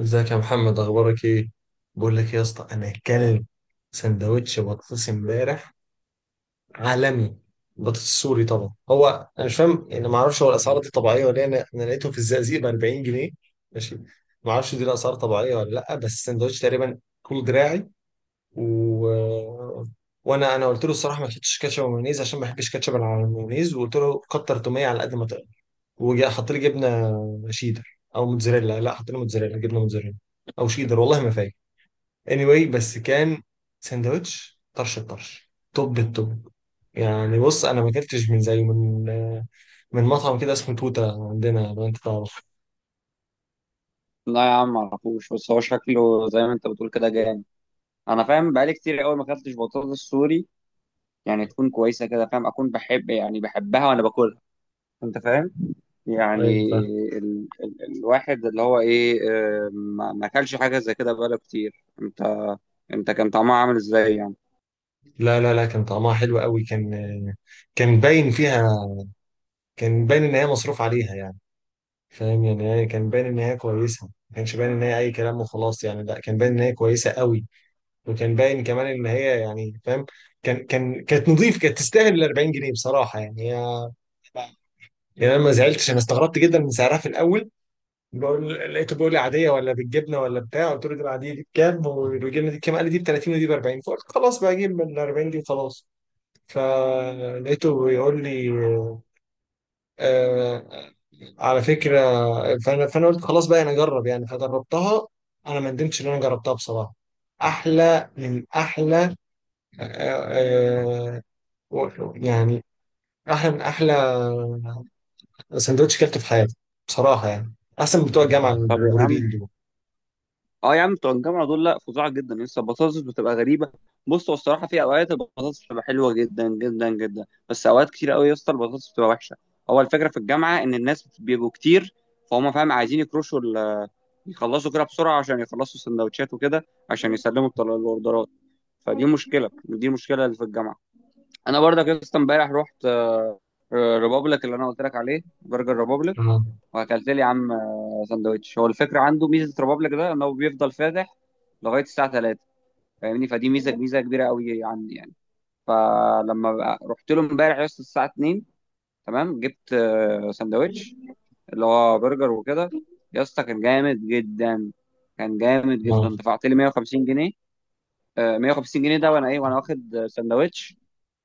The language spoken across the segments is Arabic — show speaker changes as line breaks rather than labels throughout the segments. ازيك يا محمد، اخبارك ايه؟ بقول لك إيه يا اسطى، انا كلب سندوتش بطاطس امبارح عالمي. بطاطس سوري طبعا. هو انا مش فاهم يعني، ما اعرفش هو الاسعار دي طبيعيه ولا إيه. انا لقيته في الزقازيق ب 40 جنيه. ماشي. ما اعرفش دي الاسعار طبيعيه ولا لا، بس السندوتش تقريبا طول دراعي. و... وانا قلت له الصراحه ما كنتش كاتشب ومايونيز عشان ما بحبش كاتشب على المايونيز، وقلت له كتر توميه على قد ما تقدر. وحط لي جبنه شيدر او موتزاريلا، لا حط لي موتزاريلا، جبنه موتزاريلا او شيدر، والله ما فاكر. Anyway بس كان ساندوتش طرش الطرش، توب التوب. يعني بص انا ما اكلتش من زيه من مطعم كده اسمه توته عندنا، لو انت تعرف.
لا يا عم معرفوش. بس هو شكله زي ما انت بتقول كده جامد. انا فاهم، بقالي كتير قوي ما اكلتش بطاطس سوري. يعني تكون كويسه كده فاهم، اكون بحب، يعني بحبها وانا باكلها. انت فاهم يعني.
ايوه فاهم.
الواحد اللي هو ايه، ما اكلش حاجه زي كده بقاله كتير انت كان طعمها عامل ازاي يعني؟
لا لا لا، كان طعمها حلو قوي. كان، كان باين فيها، كان باين ان هي مصروف عليها يعني. فاهم يعني، هي كان باين ان هي كويسه، ما كانش باين ان هي اي كلام وخلاص يعني، لا كان باين ان هي كويسه قوي. وكان باين كمان ان هي يعني فاهم. كان كانت نظيف، كانت تستاهل ال 40 جنيه بصراحه يعني هي. يعني انا ما زعلتش، انا استغربت جدا من سعرها في الاول. بقول لقيته بيقول لي عاديه ولا بالجبنه ولا بتاع، قلت له دي العاديه دي بكام والجبنه دي بكام، قال لي دي ب 30 ودي ب 40، فقلت خلاص بقى اجيب من 40 دي وخلاص. فلقيته بيقول لي آه على فكره. فانا قلت خلاص بقى انا اجرب يعني، فجربتها. انا ما ندمتش ان انا جربتها بصراحه. احلى من احلى. آه، آه، يعني احلى من احلى سندوتش كلته في حياتي بصراحه يعني. احسن من بتوع الجامعه
طب يا عم،
المريبين دول.
اه يا عم بتوع الجامعه دول لا فظاع جدا، يعني لسه البطاطس بتبقى غريبه. بص، هو الصراحه في اوقات البطاطس بتبقى حلوه جدا جدا جدا، بس اوقات كتير قوي يا اسطى البطاطس بتبقى وحشه. هو الفكره في الجامعه ان الناس بيبقوا كتير، فاهم عايزين يخلصوا كده بسرعه عشان يخلصوا السندوتشات وكده، عشان يسلموا الاوردرات. فدي مشكله، دي مشكله اللي في الجامعه. انا برضك يا اسطى امبارح رحت ريبابليك اللي انا قلت لك عليه، برجر ريبابليك.
اه
واكلت لي يا عم سندوتش. هو الفكره عنده ميزه، ريبابليك ده ان هو بيفضل فاتح لغايه الساعه 3. فاهمني؟ فدي ميزه، ميزه كبيره قوي عندي يعني. فلما رحت له امبارح يا اسطى الساعه 2 تمام، جبت سندوتش اللي هو برجر وكده. يا اسطى كان جامد جدا، كان جامد
اه.
جدا. دفعت لي 150 جنيه، 150 جنيه ده، وانا واخد سندوتش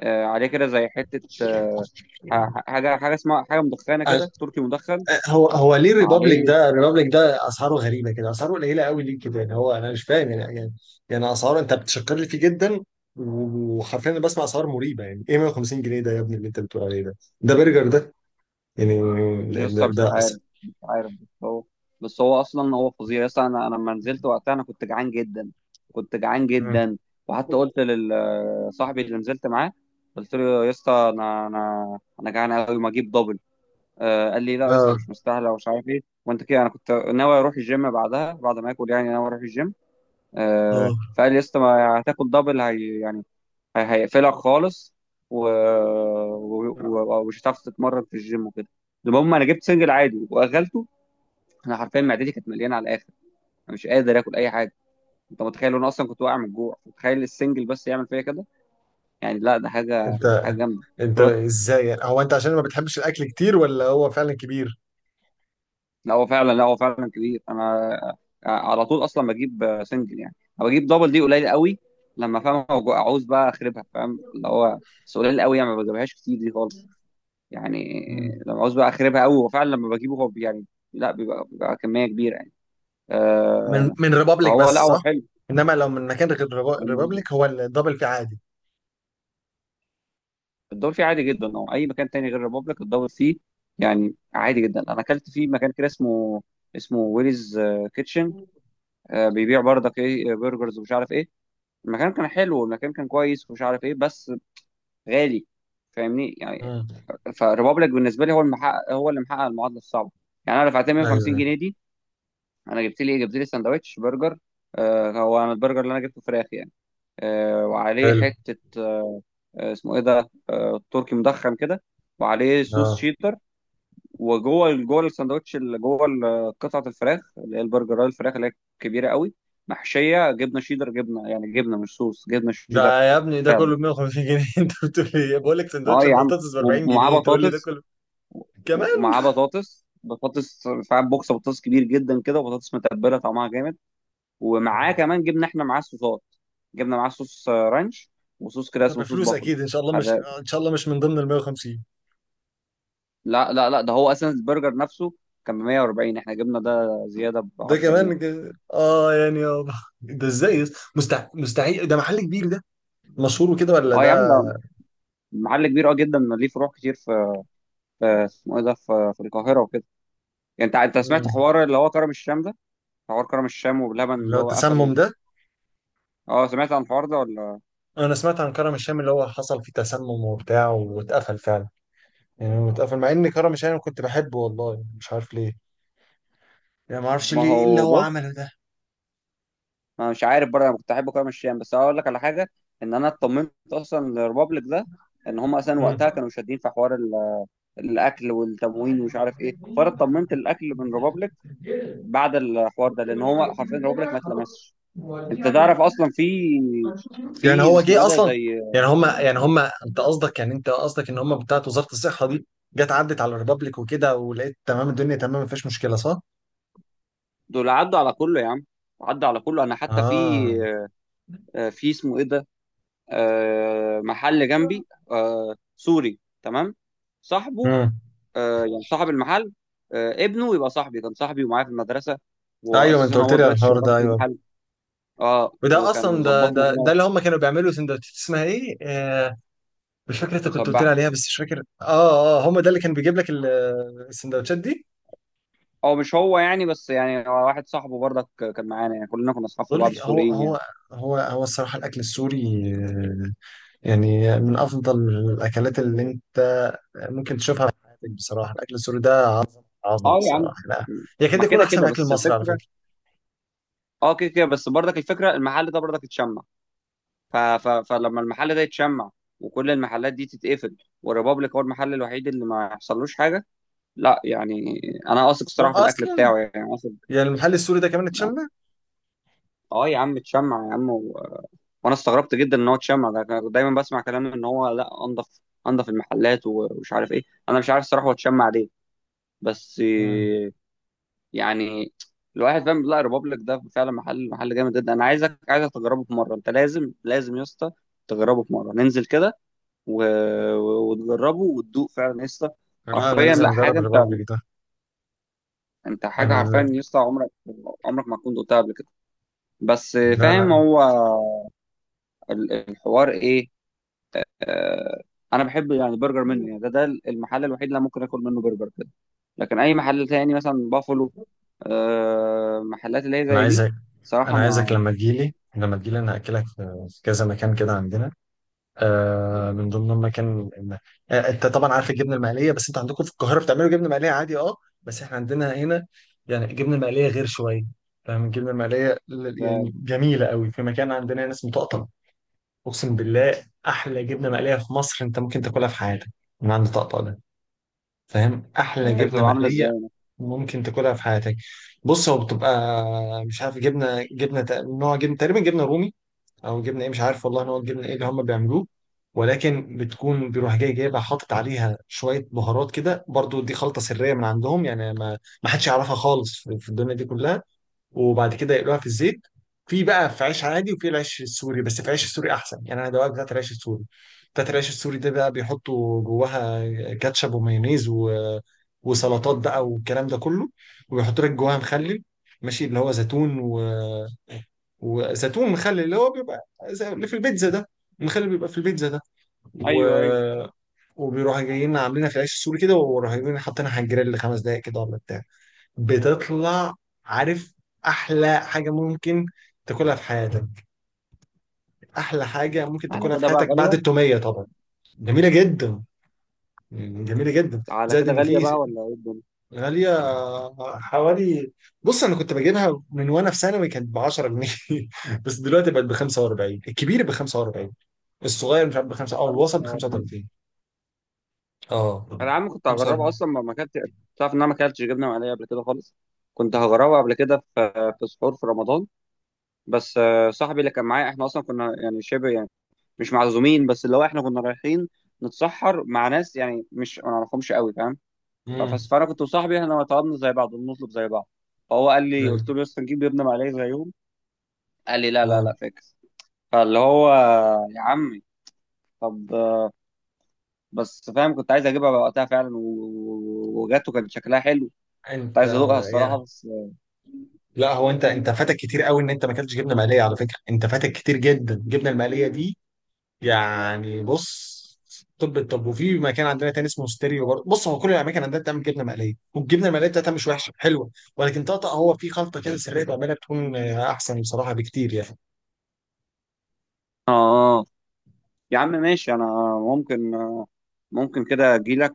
عليه كده زي حته حاجه اسمها حاجه مدخنه
آه،
كده، تركي مدخن
هو ليه الريبابليك
عليه.
ده، اسعاره غريبه كده، اسعاره قليله قوي، ليه كده يعني؟ هو انا مش فاهم يعني اسعاره انت بتشكر لي فيه جدا، وحرفيا انا بسمع اسعار مريبه. يعني ايه 150 جنيه ده يا ابني اللي انت بتقول عليه ده؟ ده برجر ده يعني. ده
لسه
ده,
مش
ده
عارف،
أص...
مش عارف. بس هو اصلا هو فظيع. لسه انا لما نزلت وقتها انا كنت جعان جدا، كنت جعان جدا. وحتى قلت لصاحبي اللي نزلت معاه، قلت له يا اسطى انا جعان قوي، ما اجيب دبل. قال لي لا يا اسطى
اه
مش مستاهله ومش عارف ايه وانت كده، انا كنت ناوي اروح الجيم بعدها، بعد ما اكل يعني، ناوي اروح الجيم.
اه.
فقال لي يا اسطى، ما هتاكل دبل هي يعني هيقفلك خالص و... ومش هتعرف تتمرن في الجيم وكده. المهم انا جبت سنجل عادي واغلته. انا حرفيا معدتي كانت مليانه على الاخر، انا مش قادر اكل اي حاجه. انت متخيل انا اصلا كنت واقع من الجوع، متخيل السنجل بس يعمل فيا كده؟ يعني لا، ده حاجه، حاجه
انت
جامده.
انت ازاي يعني، هو انت عشان ما بتحبش الاكل كتير ولا هو فعلا كبير؟
لا هو فعلا، لا هو فعلا كبير. انا على طول اصلا بجيب سنجل يعني، أنا بجيب دبل دي قليل قوي. لما فاهم اعوز بقى اخربها، فاهم اللي هو، بس قليل قوي يعني، ما بجيبهاش كتير دي خالص يعني.
مم.
لما عاوز بقى اخربها قوي هو فعلا، لما بجيبه هو يعني لا، بيبقى كميه كبيره يعني.
من
آه
من ريبابليك بس
فهو لا، هو
صح.
حلو
انما لو من مكان غير
يعني.
ريبابليك هو الدبل فيه عادي.
الدور فيه عادي جدا، او اي مكان تاني غير ريبوبليك الدور فيه يعني عادي جدا. انا اكلت فيه مكان كده اسمه ويليز كيتشن. بيبيع برضك ايه، برجرز ومش عارف ايه. المكان كان حلو، والمكان كان كويس ومش عارف ايه، بس غالي. فاهمني يعني.
مم.
فريبوبليك بالنسبه لي هو المحقق، هو اللي محقق المعادله الصعبه. يعني انا دفعت 150
ايوه.
جنيه دي، انا جبت لي سندوتش برجر. هو انا البرجر اللي انا جبته فراخ يعني. وعليه
حلو.
حته اسمه ايه ده، تركي مدخن كده، وعليه صوص
اه.
شيدر. وجوه، جوه الساندوتش اللي قطعه الفراخ اللي هي البرجر، الفراخ اللي هي كبيره قوي، محشيه جبنه شيدر، جبنه يعني جبنه، مش صوص، جبنه شيدر.
ده يا ابني ده
فعلا.
كله ب 150 جنيه انت بتقول لي إيه؟ بقول لك
اه
سندوتش
يا عم،
البطاطس ب 40
ومعاه
جنيه تقول لي ده
بطاطس.
كله؟ كمان.
ومعاه بطاطس فعلا، بوكس بطاطس كبير جدا كده، وبطاطس متبله طعمها جامد.
آه.
ومعاه كمان، جبنا احنا معاه الصوصات، جبنا معاه صوص رانش، وصوص كده
ده
اسمه صوص
بفلوس
بافلو
اكيد ان شاء الله، مش
حراق.
آه، ان شاء الله مش من ضمن ال 150.
لا لا لا، ده هو اصلا البرجر نفسه كان ب 140، احنا جبنا ده زياده ب
ده
10 جنيه.
كمان اه يعني اه. ده ازاي مستحيل؟ ده محل كبير، ده مشهور وكده، ولا
اه يا عم،
ده؟
ده محل كبير اه جدا، ليه فروع كتير في، في اسمه ايه ده، في القاهره وكده. يعني انت سمعت
مم.
حوار اللي هو كرم الشام ده، حوار كرم الشام وبلبن
اللي
اللي
هو
هو
التسمم
قفله؟
ده.
اه، سمعت عن الحوار ده ولا؟
انا سمعت عن كرم الشام اللي هو حصل فيه تسمم وبتاع واتقفل فعلا. يعني هو اتقفل مع ان كرم الشام كنت بحبه، والله مش عارف ليه، يعني ما اعرفش
ما
ليه ايه اللي
هو
هو
بص،
عمله ده.
انا مش عارف برضه، انا كنت احبه كده مشيان، بس هقول لك على حاجه. ان انا اطمنت اصلا للريبابليك ده، ان هم اصلا
مم.
وقتها كانوا شادين في حوار الاكل والتموين ومش عارف ايه، فانا اطمنت الاكل من ريبابليك بعد الحوار ده، لان هو حرفيا ريبابليك ما اتلمسش. انت تعرف اصلا في
يعني
في
هو
اسمه
جه
ايه ده
اصلا،
زي،
يعني هم انت قصدك، ان هم بتاعت وزارة الصحة دي جت عدت على الريبابليك وكده، ولقيت تمام، الدنيا تمام مفيش مشكلة، صح؟
دول عدوا على كله يا عم، عدوا على كله. انا حتى في
اه.
في اسمه ايه ده، محل جنبي سوري تمام، صاحبه،
امم.
يعني صاحب المحل، ابنه يبقى صاحبي، كان صاحبي ومعايا في المدرسة،
ايوه ما
وأساسا
انت قلت
هو
لي على
دلوقتي
الحوار
شغال
ده.
في
ايوه.
المحل. اه،
وده
وكان
اصلا ده
ظبطنا
ده ده
هنا
اللي هم كانوا بيعملوا سندوتشات اسمها ايه مش فاكر، انت كنت قلت لي
مسبحة.
عليها بس مش فاكر. اه اه، هم ده اللي كان بيجيب لك السندوتشات دي.
او مش هو يعني، بس يعني هو واحد صاحبه برضك، كان معانا، يعني كلنا كنا اصحاب في
بقول
بعض
لك هو
السوريين يعني.
هو هو هو الصراحه الاكل السوري آه، يعني من افضل الاكلات اللي انت ممكن تشوفها في حياتك بصراحه. الاكل السوري ده عظمه
اه يا عم،
بصراحه، لا، يكاد
ما
يكون
كده
احسن
كده
من الاكل
بس
المصري على
الفكره.
فكره.
اه، كده كده، بس برضك الفكره المحل ده برضك اتشمع. فلما المحل ده يتشمع، وكل المحلات دي تتقفل، والريبابليك هو المحل الوحيد اللي ما يحصلوش حاجه. لا يعني، انا واثق الصراحه في الاكل
اصلا
بتاعه يعني، واثق.
يعني المحل السوري ده كمان
آه.
اتشمل.
اه يا عم اتشمع يا عم وانا استغربت جدا ان هو اتشمع. ده كان دايما بسمع كلام ان هو لا، انضف انضف المحلات، ومش عارف ايه. انا مش عارف الصراحه هو اتشمع ليه، بس
مم.
إيه، يعني، الواحد فاهم، لا ريبابليك ده فعلا محل جامد جدا. انا عايزك تجربه في مره، انت لازم لازم يا اسطى تجربه في مره، ننزل كده و... وتجربه وتدوق فعلا يا اسطى.
لا انا
حرفيا
لازم
لا
اجرب
حاجه، انت،
الريبابليك ده.
انت حاجه
انا
حرفيا يا اسطى، عمرك عمرك ما تكون دقتها قبل كده. بس
لا
فاهم
لا
هو الحوار ايه، آه، انا بحب يعني برجر منه يعني، ده المحل الوحيد اللي أنا ممكن اكل منه برجر كده. لكن اي محل تاني مثلا بافلو، محلات اللي هي
انا
زي دي،
عايزك انا
صراحه
عايزك
ما
لما تجيلي، لما تجيلي انا هاكلك في في كذا مكان كده عندنا. آه من ضمن المكان آه، انت طبعا عارف الجبنه المقليه، بس انت عندكم في القاهره بتعملوا جبنه مقليه عادي. اه. بس احنا عندنا هنا يعني الجبنه المقليه غير شويه. فاهم؟ الجبنه المقليه
ما-
يعني جميله قوي، في مكان عندنا هنا اسمه طقطق. اقسم بالله احلى جبنه مقليه في مصر انت ممكن تاكلها في حياتك من عند طقطق ده. فاهم؟
طب
احلى
هي
جبنه
بتبقى عامله
مقليه
ازاي؟
ممكن تاكلها في حياتك. بص هو بتبقى، مش عارف، نوع جبنه، تقريبا جبنه رومي او جبنه ايه، مش عارف والله نوع الجبنه ايه اللي هم بيعملوه. ولكن بتكون بيروح جاي جايبها حاطط عليها شويه بهارات كده، برضو دي خلطه سريه من عندهم، يعني ما حدش يعرفها خالص في الدنيا دي كلها. وبعد كده يقلوها في الزيت في، بقى في عيش عادي وفي العيش السوري، بس في العيش السوري احسن يعني، انا دواك بتاعت العيش السوري. بتاعت العيش السوري ده بقى بيحطوا جواها كاتشب ومايونيز وسلطات بقى والكلام ده كله، وبيحطوا لك جواها مخلل، ماشي، اللي هو زيتون وزيتون مخلل اللي هو بيبقى زي اللي في البيتزا ده، المخلل بيبقى في البيتزا ده. و...
ايوه ايوه.
وبيروحوا جايين عاملينها في العيش السوري كده، وراح جايين حاطينها على الجريل خمس دقايق كده ولا بتاع، بتطلع، عارف، احلى حاجه ممكن تاكلها في حياتك. احلى حاجه ممكن
على
تاكلها في
كده بقى
حياتك بعد
غاليه.
التوميه طبعا. جميله جدا، جميله جدا،
على
زائد
كده
ان
غاليه
في.
بقى ولا ايه الدنيا؟
غاليه، حوالي، بص انا كنت بجيبها من وانا في ثانوي كانت ب 10 جنيه بس دلوقتي بقت ب 45، الكبير ب 45، الصغير مش عارف ب 5 او الوسط ب
45.
35. اه
انا يا عم كنت هجربها
45.
اصلا، ما كانت، تعرف ان انا ما اكلتش جبنه مقليه قبل كده خالص. كنت هجربها قبل كده في سحور في رمضان، بس صاحبي اللي كان معايا احنا اصلا كنا يعني شبه مش معزومين، بس اللي هو احنا كنا رايحين نتسحر مع ناس يعني مش ما نعرفهمش قوي، فاهم؟
امم.
فانا كنت وصاحبي احنا طلبنا زي بعض، بنطلب زي بعض. فهو قال لي، قلت
ايوه.
له يا اسطى نجيب جبنه مقليه زيهم؟ قال لي لا لا
اه.
لا فاكس. فاللي هو، يا عمي، طب، بس فاهم كنت عايز اجيبها بقى وقتها فعلا، وجت وكان شكلها حلو، كنت
انت،
عايز ادوقها الصراحه بس.
لا هو انت فاتك كتير قوي ان انت ما اكلتش جبنه مقليه على فكره، انت فاتك كتير جدا الجبنه المقليه دي يعني. بص طب، الطب، وفي مكان عندنا تاني اسمه ستيريو برضه. بص هو كل الاماكن عندنا بتعمل جبنه مقليه والجبنه المقليه بتاعتها مش وحشه، حلوه. ولكن طقطق هو في خلطه كده سريه بعملها تكون احسن بصراحه بكتير يعني.
اه. اه يا عم ماشي. انا ممكن ممكن كده اجي لك،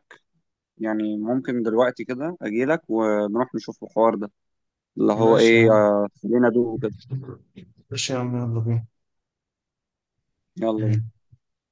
يعني ممكن دلوقتي كده اجي لك ونروح نشوف الحوار ده اللي هو
ماشي يا
ايه،
عم،
خلينا ادوق كده.
ماشي يا عم. يلا
يلا بينا.
بينا